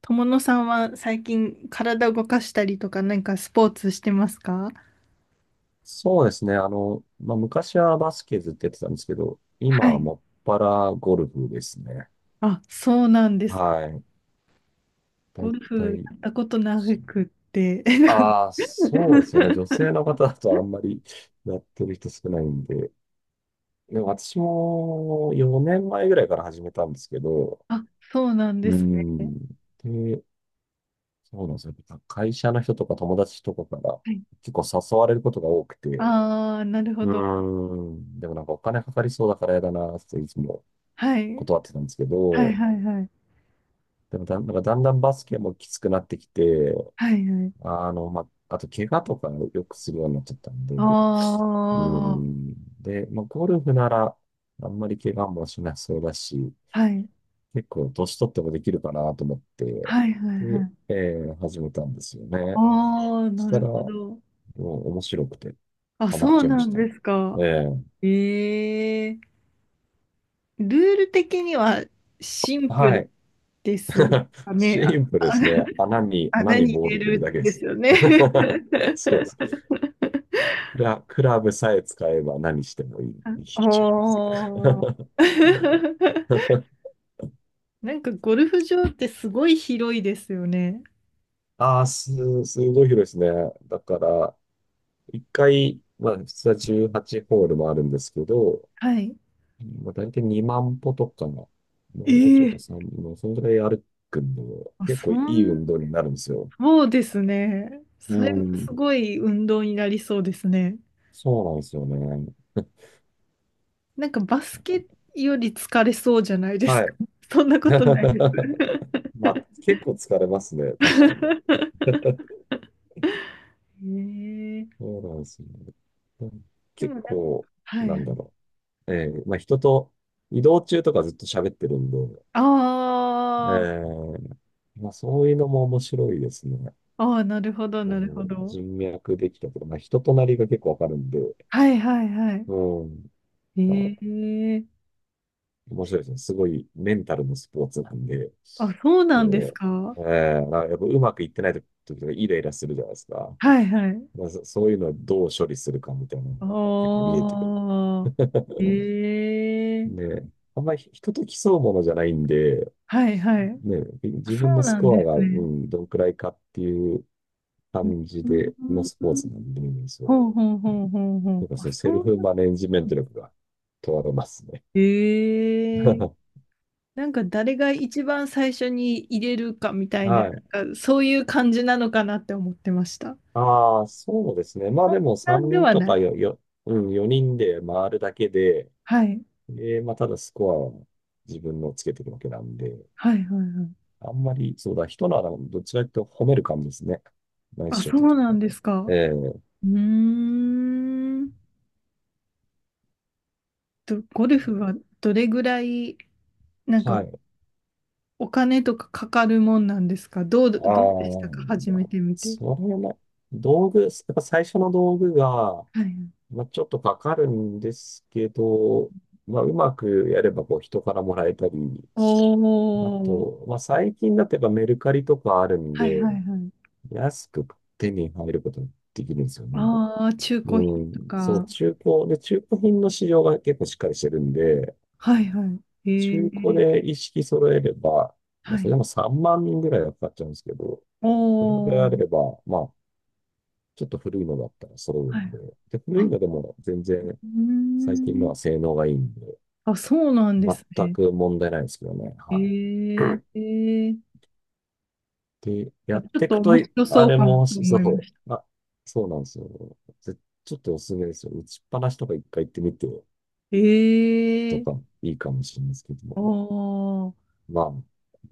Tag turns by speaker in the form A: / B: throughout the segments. A: 友野さんは最近体動かしたりとか何かスポーツしてますか？
B: そうですね。昔はバスケずっとやってたんですけど、今
A: は
B: は
A: い。
B: もっぱらゴルフですね。
A: あ、そうなんですか。
B: はい。だ
A: ゴ
B: い
A: ル
B: た
A: フ
B: い、
A: やったことなくって。
B: ああ、そうですよね。女 性の方だとあんまりやってる人少ないんで。でも私も4年前ぐらいから始めたんですけど、
A: あ、そうなんで
B: う
A: す
B: ん。
A: ね。
B: で、そうなんですよ。会社の人とか友達とかから
A: はい。
B: 結構誘われることが多くて、
A: ああ、なるほ
B: う
A: ど。
B: ん。でもなんかお金かかりそうだからやだなっていつも
A: はい。
B: 断ってたんですけ
A: はい
B: ど、
A: はいはい。
B: でもだん、なんかだんだんバスケもきつくなってきて、
A: はいはい。
B: まあ、あと怪我とかよくするようになっちゃったんで、
A: あ
B: う
A: あ、
B: ん。で、まあ、ゴルフならあんまり怪我もしなそうだし、
A: はい。
B: 結構年取ってもできるかなと思って、
A: はいはいは
B: で、
A: い。
B: 始めたんですよね。
A: ああ、
B: そし
A: な
B: た
A: る
B: ら、
A: ほ
B: も
A: ど。
B: う面白くて
A: あ、
B: ハマっ
A: そう
B: ちゃいま
A: な
B: し
A: ん
B: たね。
A: です
B: え
A: か。
B: え、
A: ええ、ルール的にはシンプ
B: は
A: ル
B: い。
A: です かね？
B: シ
A: あ、
B: ンプルで
A: あ
B: すね。穴
A: 穴
B: に
A: に
B: ボー
A: 入
B: ル
A: れ
B: 入れる
A: る
B: だけ
A: ん
B: で
A: です
B: す。
A: よね。
B: そう ですね。クラブさえ使えば何してもいい。
A: あ
B: いいっちゃいいですよ。
A: おー。なんかゴルフ場ってすごい広いですよね。
B: ああ、すごい広いですね。だから、一回、まあ、普通は18ホールもあるんですけど、
A: はい。
B: まあ、大体2万歩とか、も
A: え
B: うちょっとやっぱ3、
A: え、
B: もうそんぐらい歩くんで、
A: あ
B: 結構
A: そ
B: いい
A: ん、
B: 運動になるんですよ。
A: そうですね。そ
B: う
A: れがす
B: ん、
A: ごい運動になりそうですね。
B: そうなんですよね。
A: なんかバスケより疲れそうじゃないです
B: は
A: か？
B: い。
A: そんなことないです。
B: まあ、結構疲れますね、確かに。
A: ええ、
B: そうなんですよね。
A: でも
B: 結
A: なんか、
B: 構、
A: は
B: なんだ
A: い。
B: ろう。まあ、人と移動中とかずっと喋ってるんで、
A: あ
B: え
A: ー
B: ーまあ、そういうのも面白いですね。
A: あー、なるほど、
B: う
A: なるほ
B: ん、
A: ど。
B: 人脈できたとか、まあ、人となりが結構わかるんで、
A: はいはいはい。
B: うん、まあ、
A: ええ、
B: 面白いですね。すごいメンタルのスポーツなんで、
A: あ、そう
B: う
A: なんです
B: ん、
A: か。は
B: まあやっぱうまくいってない時とかイライラするじゃないですか。
A: いはい。
B: まあ、そういうのをどう処理するかみたいなのが結構見えてく
A: ああ、
B: る。
A: え え、
B: で、あんまり人と競うものじゃないんで、
A: はいはい。
B: ね、
A: あ、
B: 自
A: そ
B: 分の
A: う
B: ス
A: なんで
B: コア
A: す
B: が、う
A: ね。
B: ん、どんくらいかっていう感じ
A: う
B: での
A: ん、
B: スポーツなんで、ね、そう。
A: ほうほうほうほうほ
B: な
A: う。
B: んか
A: あ、
B: そのセ
A: そ
B: ル
A: う
B: フ
A: な
B: マネジメン
A: ん
B: ト
A: で
B: 力
A: す。
B: が問われますね。
A: ええ、 なんか誰が一番最初に入れるかみたいな、
B: はい。
A: なんかそういう感じなのかなって思ってました。
B: ああ、そうですね。まあでも
A: な
B: 3
A: んで
B: 人
A: は
B: と
A: ない。
B: かよ、よ、うん、4人で回るだけで、
A: はい。
B: まあただスコアを自分のつけていくわけなんで、
A: はいはいはい。
B: あんまり、そうだ、人の穴をどっちかというと褒める感じですね。ナイス
A: あ、
B: ショッ
A: そ
B: ト
A: う
B: と
A: なん
B: か。
A: です
B: え
A: か。
B: え、
A: うーん。ゴルフはどれぐらい、なんか、
B: はい。
A: お金とかかかるもんなんですか？どう、ど
B: あ
A: うで
B: あ、
A: したか、始
B: ま
A: め
B: あ
A: てみて？
B: それも、やっぱ最初の道具が、
A: はい。
B: まあ、ちょっとかかるんですけど、まあ、うまくやればこう人からもらえたり、
A: お
B: あ
A: ー。
B: と、まあ、最近だとやっぱメルカリとかあるん
A: はい
B: で、
A: はいはい。
B: 安く手に入ることができるんですよね。
A: ああ、中古品とか。
B: で、中古品の市場が結構しっかりしてるんで、
A: はいはい。ええ、
B: 中古で一式揃えれば、ま
A: は
B: あ、それ
A: い。
B: でも3万人ぐらいはかかっちゃうんですけど、
A: お
B: それであ
A: ー。
B: れば、まあ、ちょっと古いのだったら揃う
A: は
B: ん
A: い。
B: で、で、古い
A: あ、
B: のでも全然
A: うー
B: 最近のは
A: ん。
B: 性能がいいんで、
A: あ、そうなんで
B: 全
A: すね。
B: く問題ないですけどね。
A: え
B: は
A: え、
B: い。で、や
A: あ、ち
B: っ
A: ょっ
B: てい
A: と
B: くと、
A: 面白そ
B: あ
A: う
B: れ
A: かな
B: も、
A: と思いま
B: そ
A: した。
B: う、あ、そうなんですよ。ちょっとおすすめですよ。打ちっぱなしとか一回行ってみて
A: え
B: とか
A: え、
B: いいかもしれないですけど
A: お
B: も。
A: ー、
B: まあ、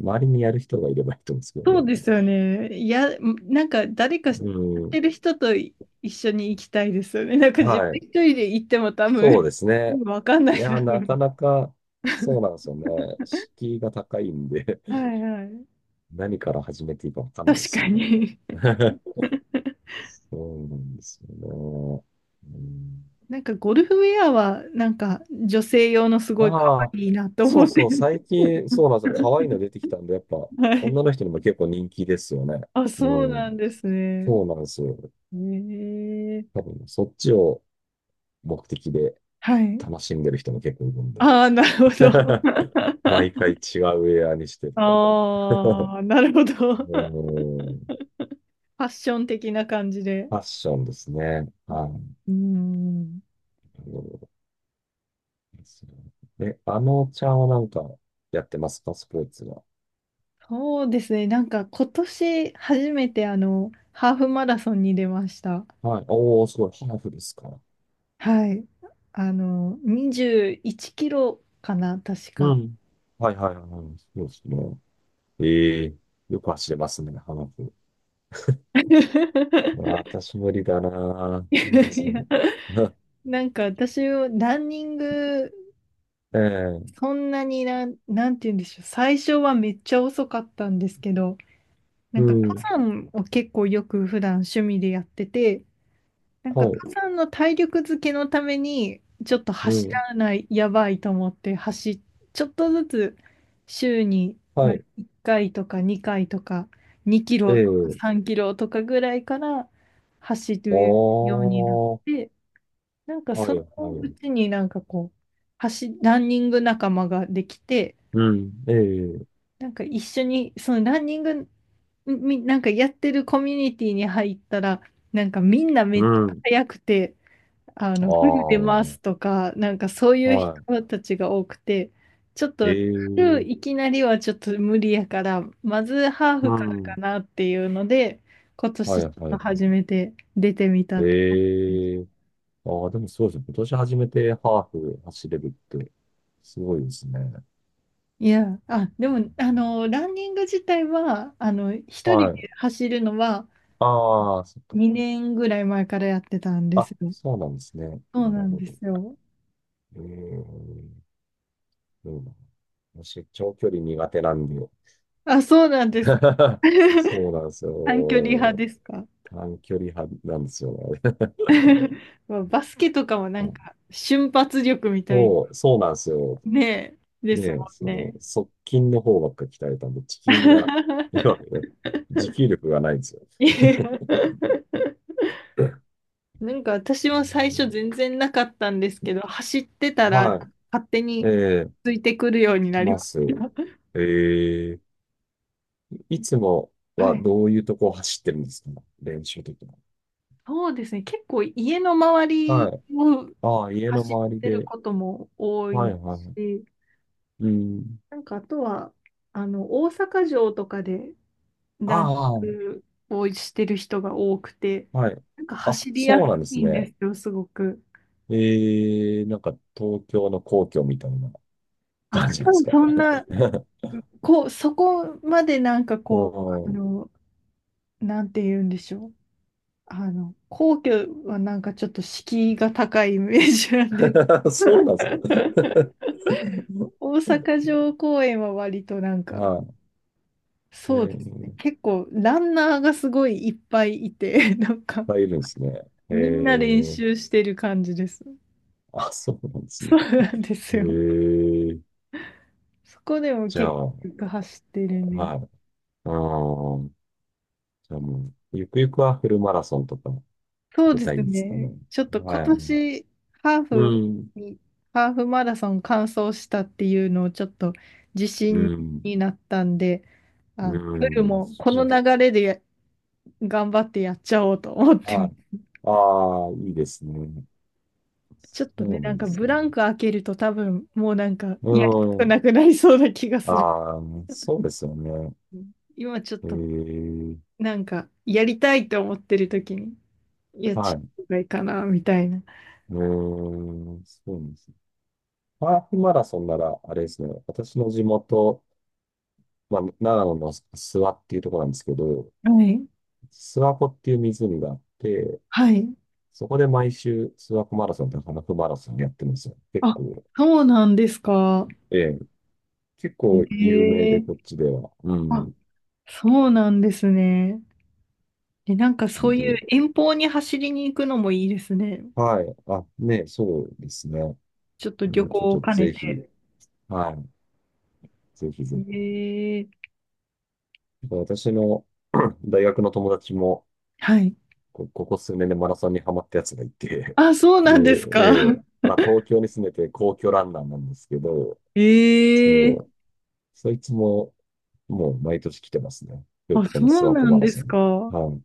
B: 周りにやる人がいればいいと思うんですけど
A: そう
B: ね。
A: ですよね。いや、なんか誰かや
B: う
A: っ
B: ん。
A: てる人と一緒に行きたいですよね。なんか自分
B: はい、
A: 一人で行っても多
B: そう
A: 分、
B: ですね。
A: わかんな
B: い
A: い
B: や、
A: だろ
B: な
A: う。
B: かなか、そう なんですよね。敷居が高いんで
A: はいはい。
B: 何から始めていいかわかんないで
A: 確
B: す
A: か
B: よね。
A: に。
B: そうなんですよね。うん、
A: なんかゴルフウェアはなんか女性用のすごい可
B: ああ、
A: 愛いなと思って。
B: そうなんですよ。可愛いの出てきたんで、やっぱ、
A: はい。
B: 女の人にも結構人気ですよね。
A: あ、
B: う
A: そうなん
B: ん。
A: ですね。
B: そうなんですよ。
A: え
B: 多
A: え、
B: 分、そっちを目的で
A: はい。
B: 楽しんでる人も結構いるんで。
A: ああ、なるほど。
B: 毎回 違うウェアにしてとか。
A: ああ、なるほど。フ
B: うん、
A: ァッション的な感じで。
B: ファッションですね。
A: あ、
B: はい。なる
A: うーん、
B: ほどですねえ、あのちゃんはなんかやってますかスポーツは。
A: そうですね。なんか今年初めてハーフマラソンに出ました。
B: はい。おー、すごい、ハーフですか。
A: はい。21キロかな、確
B: う
A: か。
B: ん。はいはいはいはい。そうですね。ええ、よく走れますね、ハーフ。私無理だな
A: い
B: ぁ。そうですね。
A: や、なんか私、ランニング、
B: ええ、
A: そんなになんて言うんでしょう。最初はめっちゃ遅かったんですけど、な
B: う
A: んか
B: ん。
A: 登山を結構よく普段趣味でやってて、なんか、
B: はい。
A: 登山の体力づけのために、ちょっと
B: う
A: 走
B: ん。
A: らない、やばいと思って、ちょっとずつ、週に、ま
B: は
A: あ、
B: い。
A: 1回とか2回とか、2キロとか
B: ええ、
A: 3キロとかぐらいから走るようになっ
B: おー。
A: て、なんか
B: は
A: そ
B: い、
A: の
B: は
A: う
B: い。
A: ちになんかこう、ランニング仲間ができて、
B: うん。ええ、
A: なんか一緒に、そのランニング、なんかやってるコミュニティに入ったら、なんかみんなめ
B: う
A: っちゃ
B: ん。
A: 速くて、
B: あ
A: フル出ま
B: あ。
A: すとか、なんかそういう
B: は
A: 人たちが多くて、ちょっと、フル
B: い。
A: い
B: ええ、
A: きなりはちょっと無理やから、まずハー
B: う
A: フから
B: ん。
A: かなっていうので、今
B: はい
A: 年ちょっ
B: は
A: と
B: い。
A: 初めて出てみたって感じです。
B: ええ、ああ、でもそうですね。今年初めてハーフ走れるって、すごいですね。う
A: いや、あ、でも、
B: ん、
A: ランニング自体は、一人
B: は
A: で
B: い。
A: 走るのは
B: ああ、そっか。
A: 2年ぐらい前からやってたんで
B: あ、
A: すよ。
B: そうなんですね。
A: そう
B: な
A: な
B: る
A: ん
B: ほ
A: で
B: ど。
A: すよ。
B: ええ、どうだろう私、長距離苦手なんで。
A: あ、そうなんですか。
B: そうなんです
A: 短距離派
B: よ。
A: ですか？
B: 短距離派なんですよね。
A: まあバスケとかもなんか 瞬発力みたい
B: そうなんですよ。
A: ねです
B: で、
A: もんね。
B: 側近の方ばっか鍛えたんで、地筋が、要は、持久力がないんですよ。
A: いや、なんか私も最初
B: う
A: 全然なかったんですけど、走ってた
B: ん、
A: ら
B: は
A: 勝手
B: い。え
A: に
B: え、
A: ついてくるように
B: い
A: なり
B: ま
A: ま
B: す。
A: し
B: ええ、いつも
A: た。は
B: は
A: い。
B: どういうとこを走ってるんですか、練習的に。
A: そうですね。結構家の周
B: は
A: り
B: い。
A: を
B: ああ、家の
A: 走っ
B: 周り
A: てる
B: で。
A: ことも多
B: は
A: い
B: い、はい。
A: し、
B: うん。
A: なんかあとは大阪城とかでランニ
B: あ
A: ングをしてる人が多くて、
B: あ、はい。
A: なんか
B: あ、
A: 走りや
B: そ
A: す
B: うなんです
A: いんで
B: ね。
A: すよ、すごく。
B: ええ、なんか東京の皇居みたいな
A: あ、
B: 感じなん
A: 多
B: です
A: 分
B: かね。
A: そんな、こう、そこまでなんか
B: う
A: こう、
B: ん、
A: なんて言うんでしょう。皇居はなんかちょっと敷居が高いイメージなんで。
B: そうなんですね。
A: 大阪城公園は割となんか、
B: はい。えー、
A: そうです
B: い
A: ね。
B: っ
A: 結構ランナーがすごいいっぱいいて、なんか
B: ぱいいるんですね。え
A: みんな練
B: ー、
A: 習してる感じです。
B: あ、そうなんです
A: そ
B: ね。
A: うなんで
B: え
A: すよ。
B: ー、
A: そこでも
B: じゃあ、
A: 結
B: は
A: 構走って
B: い。
A: るね。
B: あー、じゃあもう、ゆくゆくはフルマラソンとか
A: そう
B: 出
A: です
B: たいんですかね。
A: ね。ちょっと今
B: はい。
A: 年、ハー
B: う
A: フ
B: ん、
A: に、ハーフマラソン完走したっていうのをちょっと自
B: う
A: 信
B: ん、
A: になったんで、
B: う
A: フル
B: ん、
A: もこの
B: そうそう
A: 流れで頑張ってやっちゃおうと思ってま
B: はい。
A: す、
B: ああ、いいですね。
A: ちょっとね、
B: そうな
A: な
B: ん
A: ん
B: で
A: か
B: す
A: ブ
B: ね。
A: ランク開けると多分もうなんか
B: う
A: やりたく
B: ん。
A: なくなりそうな気がする。
B: ああ、そうですよね。
A: 今ちょっと
B: ええ、
A: なんかやりたいと思ってる時に、いやっ
B: はい。
A: ち
B: う
A: ゃったいいかな、みたいな。
B: ーん、そうですね。ハーフマラソンなら、あれですね、私の地元、まあ、長野の諏訪っていうところなんですけど、
A: はい。
B: 諏訪湖っていう湖があって、
A: はい。
B: そこで毎週諏訪湖マラソンとハーフマラソンやってるんですよ。結
A: あ、
B: 構、
A: そうなんですか。
B: ええ、結構有名
A: へ
B: で、
A: え。
B: こっちでは。う
A: あ、
B: ん。
A: そうなんですね。え、なんか
B: な
A: そ
B: ん
A: う
B: で、
A: いう遠方に走りに行くのもいいですね。
B: はい。あ、ね、そうですね。
A: ちょっと旅
B: もう
A: 行
B: ちょっ
A: を
B: と
A: 兼ね
B: ぜひ、
A: て。
B: はい。ぜひぜ
A: へ
B: ひ。
A: え。
B: 私の 大学の友達も、
A: はい。
B: ここ数年でマラソンにハマったやつがいて、
A: あ、そう
B: で、
A: なんです
B: え
A: か。
B: まあ東京に住んでて皇居ランナーなんですけど、そ
A: ええ。
B: の、そいつももう毎年来てますね。で、
A: あ、
B: こ
A: そ
B: のス
A: う
B: ワット
A: な
B: マ
A: ん
B: ラ
A: で
B: ソ
A: す
B: ン。
A: か。
B: はい。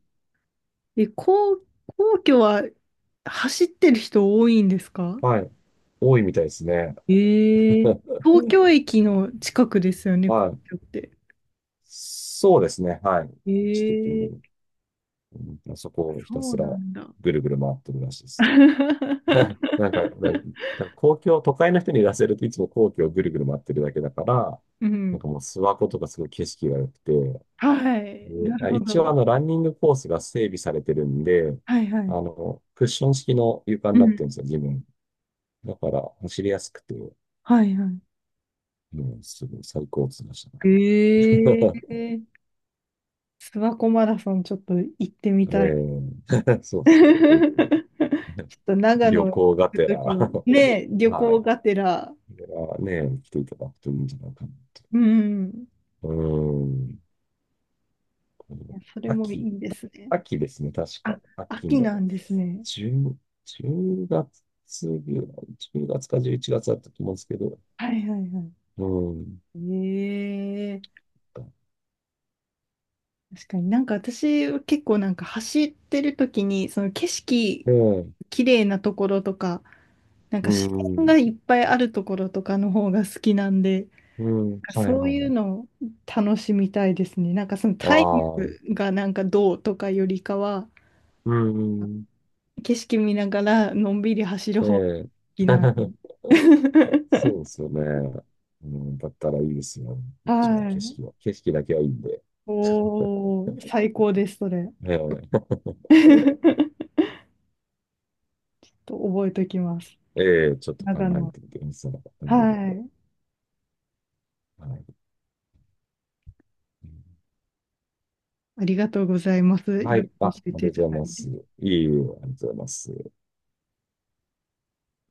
A: え、皇居は走ってる人多いんですか？
B: はい。多いみたいですね。
A: ええ。東京駅の近くですよね、皇
B: はい。
A: 居って。
B: そうですね。はい。一時に、
A: ええ、
B: うん、まあそこをひた
A: そう
B: すら
A: なんだ。
B: ぐるぐる回ってるらしいです。なんか、な なんか公共、都会の人に出せるといつも皇居をぐるぐる回ってるだけだから、
A: う
B: なん
A: ん。
B: かもう諏訪湖とかすごい景色が良くて、
A: はい。な
B: で、
A: る
B: あ、
A: ほ
B: 一応あ
A: ど。
B: のランニングコースが整備されてるんで、
A: はいは
B: あ
A: い。
B: の、クッション式の床に
A: う
B: なってるんです
A: ん。
B: よ、自分。だから走りやすくて、
A: はいはい。
B: もうすごい最高っついましたね。
A: え え、諏訪湖マラソンちょっと行ってみ
B: え
A: たい。
B: ー そ う
A: ち
B: そうぜひ
A: ょっと長野
B: 旅
A: 行
B: 行が
A: く
B: てら
A: ときは、ねえ、旅
B: は
A: 行
B: い。
A: がてら、
B: これはね、来ていただくといいんじゃないかな。
A: うん、
B: うーん。
A: いやそれも
B: 秋。
A: いいですね。
B: 秋ですね、確
A: あ、
B: か。秋
A: 秋
B: の
A: なんですね。
B: 10、月ぐらい、10月か11月だったと思うんですけど、
A: はいはいはい。
B: うん。
A: ええ、確かになんか私結構なんか走ってるときに、その景色
B: ええ、
A: 綺麗なところとか、なんか
B: う
A: 自然が
B: ん、
A: いっぱいあるところとかの方が好きなんで、
B: うん、
A: なんか
B: はい
A: そう
B: は
A: いう
B: い。
A: のを楽しみたいですね。なんかその
B: あ
A: タイム
B: あ、
A: がなんかどうとかよりかは、
B: うん、
A: 景色見ながらのんびり走る方が好
B: ええ。
A: きなんで。
B: そうで すよね。うん、だったらいいですよ。こっちは
A: は
B: 景
A: い。
B: 色は。景色だけはいいんで。
A: おー、最高です、それ。
B: ええ、
A: と覚えておきます。
B: ええ、ちょっと考
A: 長
B: え
A: 野。
B: てみてください。うん、
A: はい。
B: はい、うん、
A: ありがとうございます。い
B: は
A: ろい
B: い。あ、
A: ろ
B: あ
A: 教え
B: りが
A: て
B: と
A: い
B: うご
A: た
B: ざい
A: だ
B: ま
A: いて。
B: す。いえいえ、ありがとうございます。